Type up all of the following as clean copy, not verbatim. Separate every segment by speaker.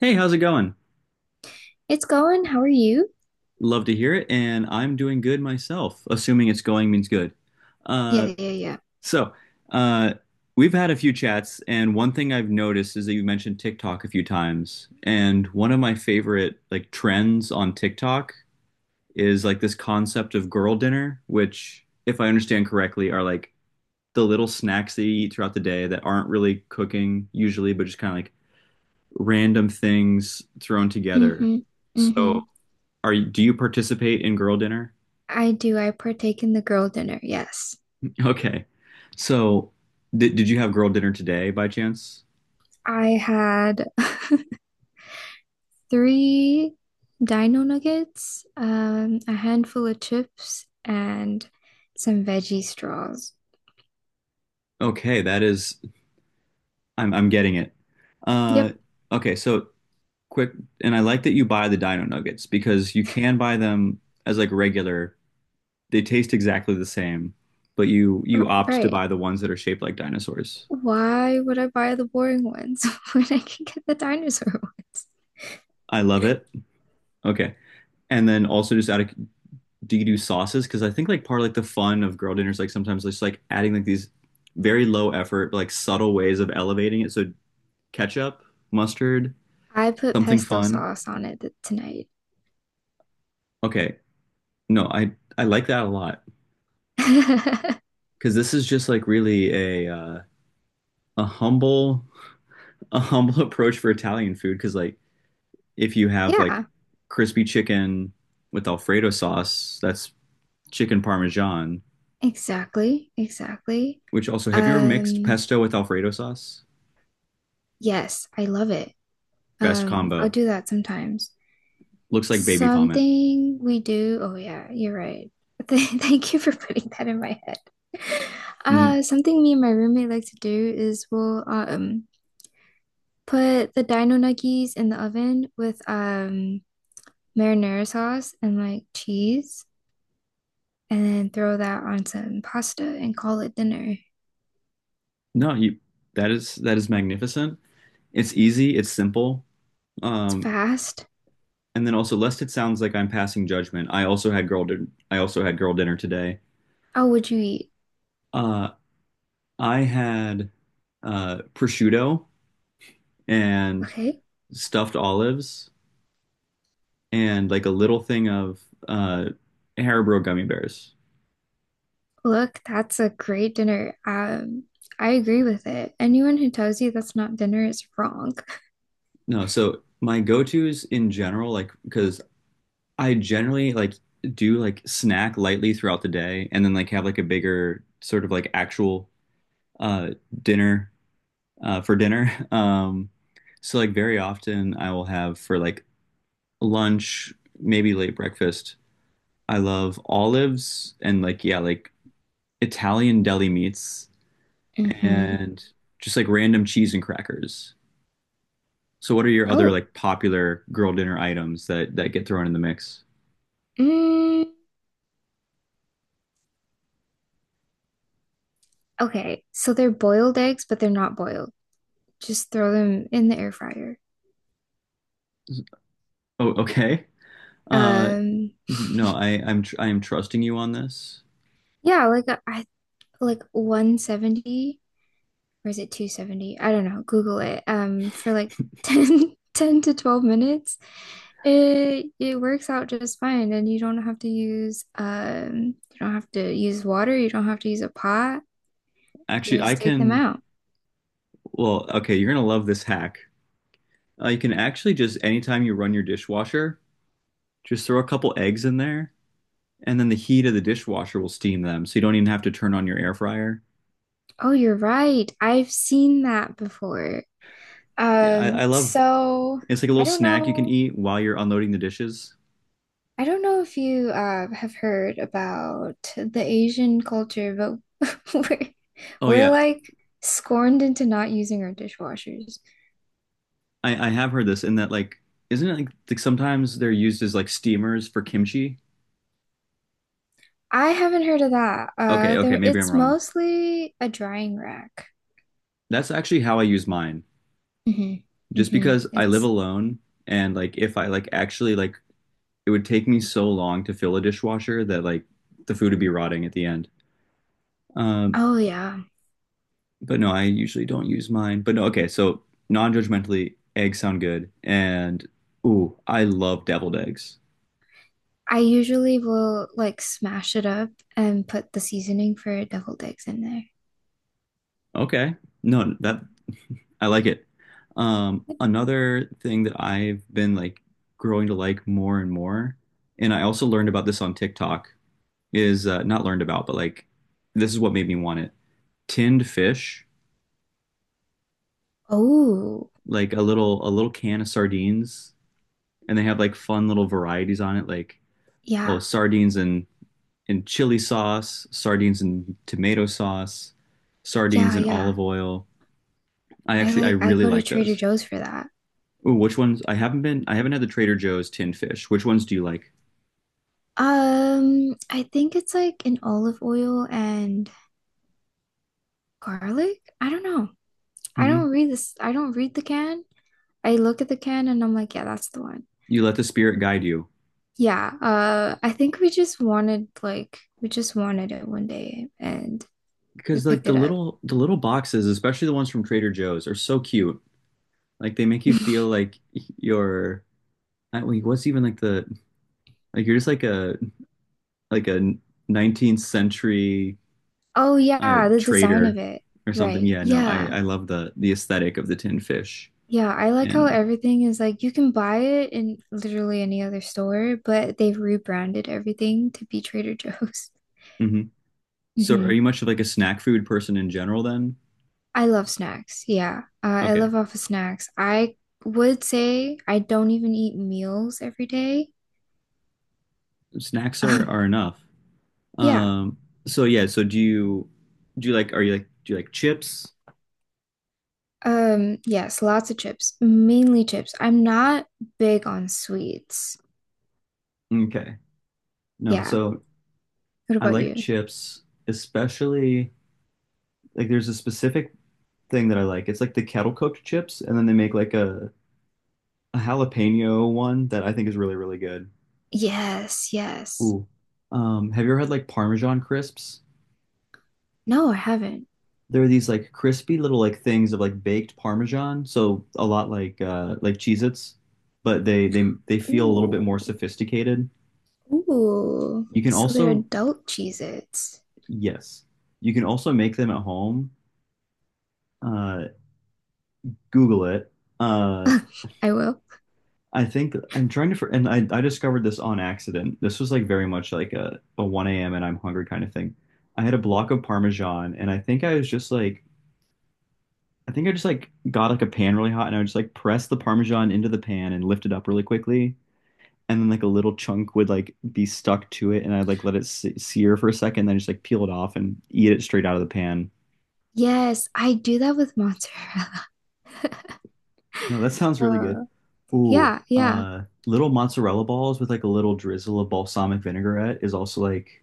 Speaker 1: Hey, how's it going?
Speaker 2: It's going. How are you?
Speaker 1: Love to hear it, and I'm doing good myself, assuming it's going means good. Uh,
Speaker 2: Yeah, yeah, yeah.
Speaker 1: so, uh, we've had a few chats, and one thing I've noticed is that you mentioned TikTok a few times, and one of my favorite like trends on TikTok is like this concept of girl dinner, which, if I understand correctly, are like the little snacks that you eat throughout the day that aren't really cooking usually, but just kind of like random things thrown together.
Speaker 2: Mm-hmm. Mm-hmm.
Speaker 1: So. Are you, do you participate in girl dinner?
Speaker 2: I do. I partake in the girl dinner. Yes.
Speaker 1: Okay. So, did you have girl dinner today by chance?
Speaker 2: I had three dino nuggets, a handful of chips, and some veggie straws.
Speaker 1: Okay, that is I'm getting it. Uh
Speaker 2: Yep,
Speaker 1: okay, so quick and I like that you buy the dino nuggets because you can buy them as like regular. They taste exactly the same, but you opt to
Speaker 2: right.
Speaker 1: buy the ones that are shaped like dinosaurs.
Speaker 2: Why would I buy the boring ones when I can get the dinosaur ones?
Speaker 1: I love it. Okay. And then also just out of do you do sauces? Because I think like part of like the fun of girl dinners like sometimes just like adding like these very low effort but like subtle ways of elevating it. So ketchup, mustard,
Speaker 2: I put
Speaker 1: something
Speaker 2: pesto
Speaker 1: fun.
Speaker 2: sauce on it tonight.
Speaker 1: Okay, no, I like that a lot because this is just like really a uh, a humble a humble approach for Italian food. Because like if you have like
Speaker 2: Yeah.
Speaker 1: crispy chicken with Alfredo sauce, that's chicken parmesan.
Speaker 2: Exactly, exactly.
Speaker 1: Which also, have you ever mixed
Speaker 2: Um,
Speaker 1: pesto with Alfredo sauce?
Speaker 2: yes, I love it.
Speaker 1: Best
Speaker 2: I'll
Speaker 1: combo.
Speaker 2: do that sometimes.
Speaker 1: Looks like baby vomit.
Speaker 2: Something we do, oh yeah, you're right. Thank you for putting that in my head.
Speaker 1: Mhm.
Speaker 2: Something me and my roommate like to do is we'll put the dino nuggies in the oven with marinara sauce and like cheese, and then throw that on some pasta and call it dinner.
Speaker 1: No, you that is magnificent. It's easy, it's simple.
Speaker 2: It's
Speaker 1: Um,
Speaker 2: fast.
Speaker 1: and then also lest it sounds like I'm passing judgment. I also had girl din I also had girl dinner today.
Speaker 2: Oh, would you eat?
Speaker 1: Uh, I had prosciutto and
Speaker 2: Okay.
Speaker 1: stuffed olives and like a little thing of uh Haribo gummy bears.
Speaker 2: Look, that's a great dinner. I agree with it. Anyone who tells you that's not dinner is wrong.
Speaker 1: No, so my go-tos in general, like because I generally like do like snack lightly throughout the day and then like have like a bigger sort of like actual uh, dinner for dinner. So like very often I will have for like lunch, maybe late breakfast. I love olives and like yeah, like Italian deli meats
Speaker 2: Mm-hmm.
Speaker 1: and just like random cheese and crackers. So what are your other
Speaker 2: Oh,
Speaker 1: like popular girl dinner items that get thrown in the mix?
Speaker 2: mm, okay. So they're boiled eggs, but they're not boiled. Just throw them in the air fryer.
Speaker 1: Oh, okay. Uh,
Speaker 2: Um,
Speaker 1: no, I I'm tr I am trusting you on this.
Speaker 2: yeah, like I like 170, or is it 270? I don't know. Google it. For like 10, 10 to 12 minutes, it works out just fine. And you don't have to use you don't have to use water, you don't have to use a pot. You
Speaker 1: Actually, I
Speaker 2: just take them
Speaker 1: can.
Speaker 2: out.
Speaker 1: Well, okay, you're gonna love this hack. You can actually just anytime you run your dishwasher, just throw a couple eggs in there, and then the heat of the dishwasher will steam them, so you don't even have to turn on your air fryer.
Speaker 2: Oh, you're right. I've seen that before.
Speaker 1: Yeah, I
Speaker 2: Um,
Speaker 1: love
Speaker 2: so
Speaker 1: it's like a
Speaker 2: I
Speaker 1: little
Speaker 2: don't
Speaker 1: snack you can
Speaker 2: know.
Speaker 1: eat while you're unloading the dishes.
Speaker 2: I don't know if you have heard about the Asian culture, but we're
Speaker 1: Oh
Speaker 2: we're
Speaker 1: yeah,
Speaker 2: like scorned into not using our dishwashers.
Speaker 1: I have heard this in that like isn't it like sometimes they're used as like steamers for kimchi?
Speaker 2: I haven't heard of that.
Speaker 1: Okay, okay, maybe I'm
Speaker 2: It's
Speaker 1: wrong.
Speaker 2: mostly a drying rack.
Speaker 1: That's actually how I use mine.
Speaker 2: Hmm.
Speaker 1: Just
Speaker 2: Hmm.
Speaker 1: because I live alone and like if I like actually like it would take me so long to fill a dishwasher that like the food would be rotting at the end. Um,
Speaker 2: Oh yeah.
Speaker 1: but no, I usually don't use mine. But no, okay, so non-judgmentally, eggs sound good. And ooh, I love deviled eggs.
Speaker 2: I usually will like smash it up and put the seasoning for deviled eggs in there.
Speaker 1: Okay. No, that I like it. Another thing that I've been like growing to like more and more, and I also learned about this on TikTok, is not learned about, but like this is what made me want it. Tinned fish,
Speaker 2: Oh,
Speaker 1: like a little can of sardines, and they have like fun little varieties on it, like oh,
Speaker 2: yeah,
Speaker 1: sardines and in chili sauce, sardines and tomato sauce, sardines
Speaker 2: yeah,
Speaker 1: and
Speaker 2: yeah.
Speaker 1: olive oil.
Speaker 2: I
Speaker 1: I
Speaker 2: like, I
Speaker 1: really
Speaker 2: go to
Speaker 1: like
Speaker 2: Trader
Speaker 1: those.
Speaker 2: Joe's for that.
Speaker 1: Ooh, which ones? I haven't had the Trader Joe's tin fish. Which ones do you like?
Speaker 2: I think it's like an olive oil and garlic. I don't know. I
Speaker 1: Hmm.
Speaker 2: don't read this. I don't read the can. I look at the can and I'm like, yeah, that's the one.
Speaker 1: You let the spirit guide you.
Speaker 2: Yeah. I think we just wanted it one day and we
Speaker 1: Because like
Speaker 2: picked it up.
Speaker 1: the little boxes, especially the ones from Trader Joe's, are so cute. Like they make you feel like you're I, wait, what's even like the like you're just like a 19th century
Speaker 2: Oh yeah, the design of
Speaker 1: trader
Speaker 2: it.
Speaker 1: or something.
Speaker 2: Right.
Speaker 1: Yeah, no,
Speaker 2: Yeah.
Speaker 1: I love the aesthetic of the tin fish.
Speaker 2: Yeah, I like how
Speaker 1: And
Speaker 2: everything is like you can buy it in literally any other store, but they've rebranded everything to be Trader Joe's.
Speaker 1: hmm. So are
Speaker 2: Mhm.
Speaker 1: you much of like a snack food person in general then?
Speaker 2: I love snacks. Yeah. I
Speaker 1: Okay.
Speaker 2: live off of snacks. I would say I don't even eat meals every day.
Speaker 1: Snacks
Speaker 2: Um,
Speaker 1: are enough.
Speaker 2: yeah.
Speaker 1: Um so yeah, so do you are you like do you like chips?
Speaker 2: Yes, lots of chips, mainly chips. I'm not big on sweets.
Speaker 1: Okay. No,
Speaker 2: Yeah.
Speaker 1: so
Speaker 2: What
Speaker 1: I
Speaker 2: about
Speaker 1: like
Speaker 2: you?
Speaker 1: chips, especially like there's a specific thing that I like. It's like the kettle cooked chips and then they make like a jalapeno one that I think is really really good.
Speaker 2: Yes, yes.
Speaker 1: Ooh. Have you ever had like Parmesan crisps?
Speaker 2: No, I haven't.
Speaker 1: There are these like crispy little like things of like baked Parmesan, so a lot like Cheez-Its, but they feel a little bit more
Speaker 2: Ooh.
Speaker 1: sophisticated.
Speaker 2: Ooh.
Speaker 1: You can
Speaker 2: So they're
Speaker 1: also
Speaker 2: adult Cheez-Its.
Speaker 1: yes, you can also make them at home. Uh, Google it. Uh,
Speaker 2: I will.
Speaker 1: I think I'm trying to for, and I discovered this on accident. This was like very much like a 1 a.m. and I'm hungry kind of thing. I had a block of Parmesan, and I think I was just like. I think I just like got like a pan really hot and I would just like press the Parmesan into the pan and lift it up really quickly and then like a little chunk would like be stuck to it, and I'd like let it sear for a second, then just like peel it off and eat it straight out of the pan.
Speaker 2: Yes, I do that with mozzarella.
Speaker 1: No, that sounds really good.
Speaker 2: Uh,
Speaker 1: Ooh,
Speaker 2: yeah, yeah.
Speaker 1: little mozzarella balls with like a little drizzle of balsamic vinaigrette is also like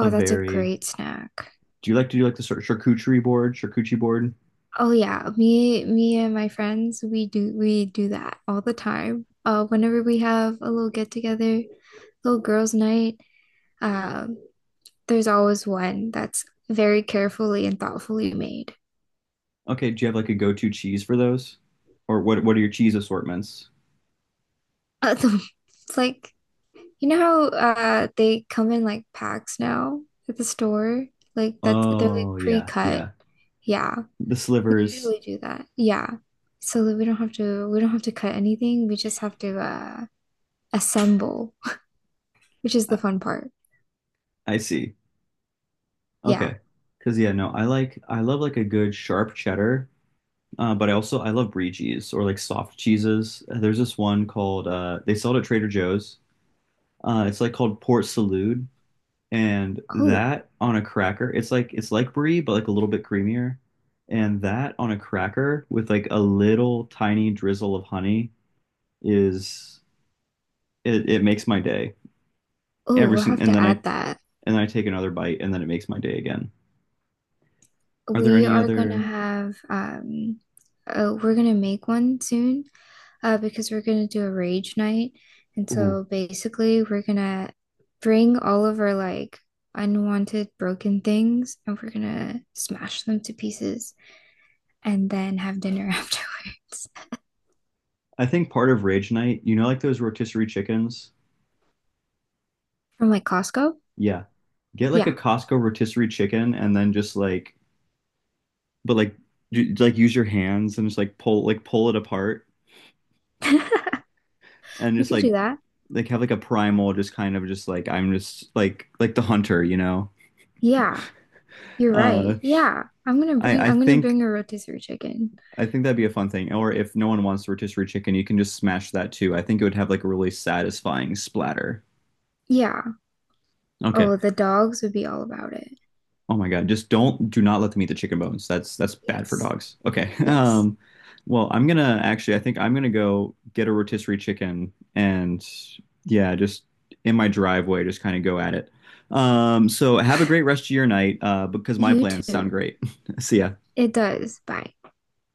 Speaker 1: a
Speaker 2: that's a
Speaker 1: very.
Speaker 2: great snack.
Speaker 1: Do you like to do like the charcuterie board, charcuterie board?
Speaker 2: Oh yeah, me and my friends, we do that all the time. Whenever we have a little get together, little girls' night, um, there's always one that's very carefully and thoughtfully made.
Speaker 1: Okay, do you have like a go-to cheese for those? Or what are your cheese assortments?
Speaker 2: Uh, the- it's like you know how they come in like packs now at the store, like that they're like
Speaker 1: Oh, yeah,
Speaker 2: pre-cut.
Speaker 1: yeah.
Speaker 2: Yeah,
Speaker 1: The
Speaker 2: we
Speaker 1: slivers.
Speaker 2: usually do that. Yeah, so that we don't have to cut anything. We just have to assemble, which is the
Speaker 1: I,
Speaker 2: fun part.
Speaker 1: I see.
Speaker 2: Yeah.
Speaker 1: Okay. Cause yeah, no, I like I love like a good sharp cheddar, but I also I love brie cheese or like soft cheeses. There's this one called they sell it at Trader Joe's. It's like called Port Salut, and
Speaker 2: Oh,
Speaker 1: that on a cracker, it's like brie but like a little bit creamier, and that on a cracker with like a little tiny drizzle of honey is it, it makes my day
Speaker 2: oh,
Speaker 1: every
Speaker 2: we'll
Speaker 1: single.
Speaker 2: have to add that.
Speaker 1: And then I take another bite, and then it makes my day again. Are there
Speaker 2: We
Speaker 1: any
Speaker 2: are gonna
Speaker 1: other?
Speaker 2: have we're gonna make one soon because we're gonna do a rage night. And
Speaker 1: Ooh.
Speaker 2: so basically we're gonna bring all of our like unwanted broken things and we're gonna smash them to pieces and then have dinner afterwards.
Speaker 1: I think part of Rage Night, you know, like those rotisserie chickens?
Speaker 2: From like Costco?
Speaker 1: Yeah. Get like a
Speaker 2: Yeah.
Speaker 1: Costco rotisserie chicken and then just like, but like, like use your hands and just like pull it apart and
Speaker 2: We
Speaker 1: just
Speaker 2: could do that.
Speaker 1: like have like a primal, just kind of just like, I'm just like the hunter, you know?
Speaker 2: Yeah, you're
Speaker 1: Uh,
Speaker 2: right. Yeah.
Speaker 1: I, I
Speaker 2: I'm gonna
Speaker 1: think,
Speaker 2: bring a rotisserie chicken.
Speaker 1: I think that'd be a fun thing. Or if no one wants rotisserie chicken, you can just smash that too. I think it would have like a really satisfying splatter.
Speaker 2: Yeah.
Speaker 1: Okay.
Speaker 2: Oh, the dogs would be all about it.
Speaker 1: Oh my God, just don't do not let them eat the chicken bones. That's bad for
Speaker 2: Yes.
Speaker 1: dogs. Okay.
Speaker 2: Yes.
Speaker 1: Well, I think I'm gonna go get a rotisserie chicken and yeah, just in my driveway, just kind of go at it. So have a great rest of your night, because my
Speaker 2: You
Speaker 1: plans sound
Speaker 2: too.
Speaker 1: great. See ya.
Speaker 2: It does. Bye.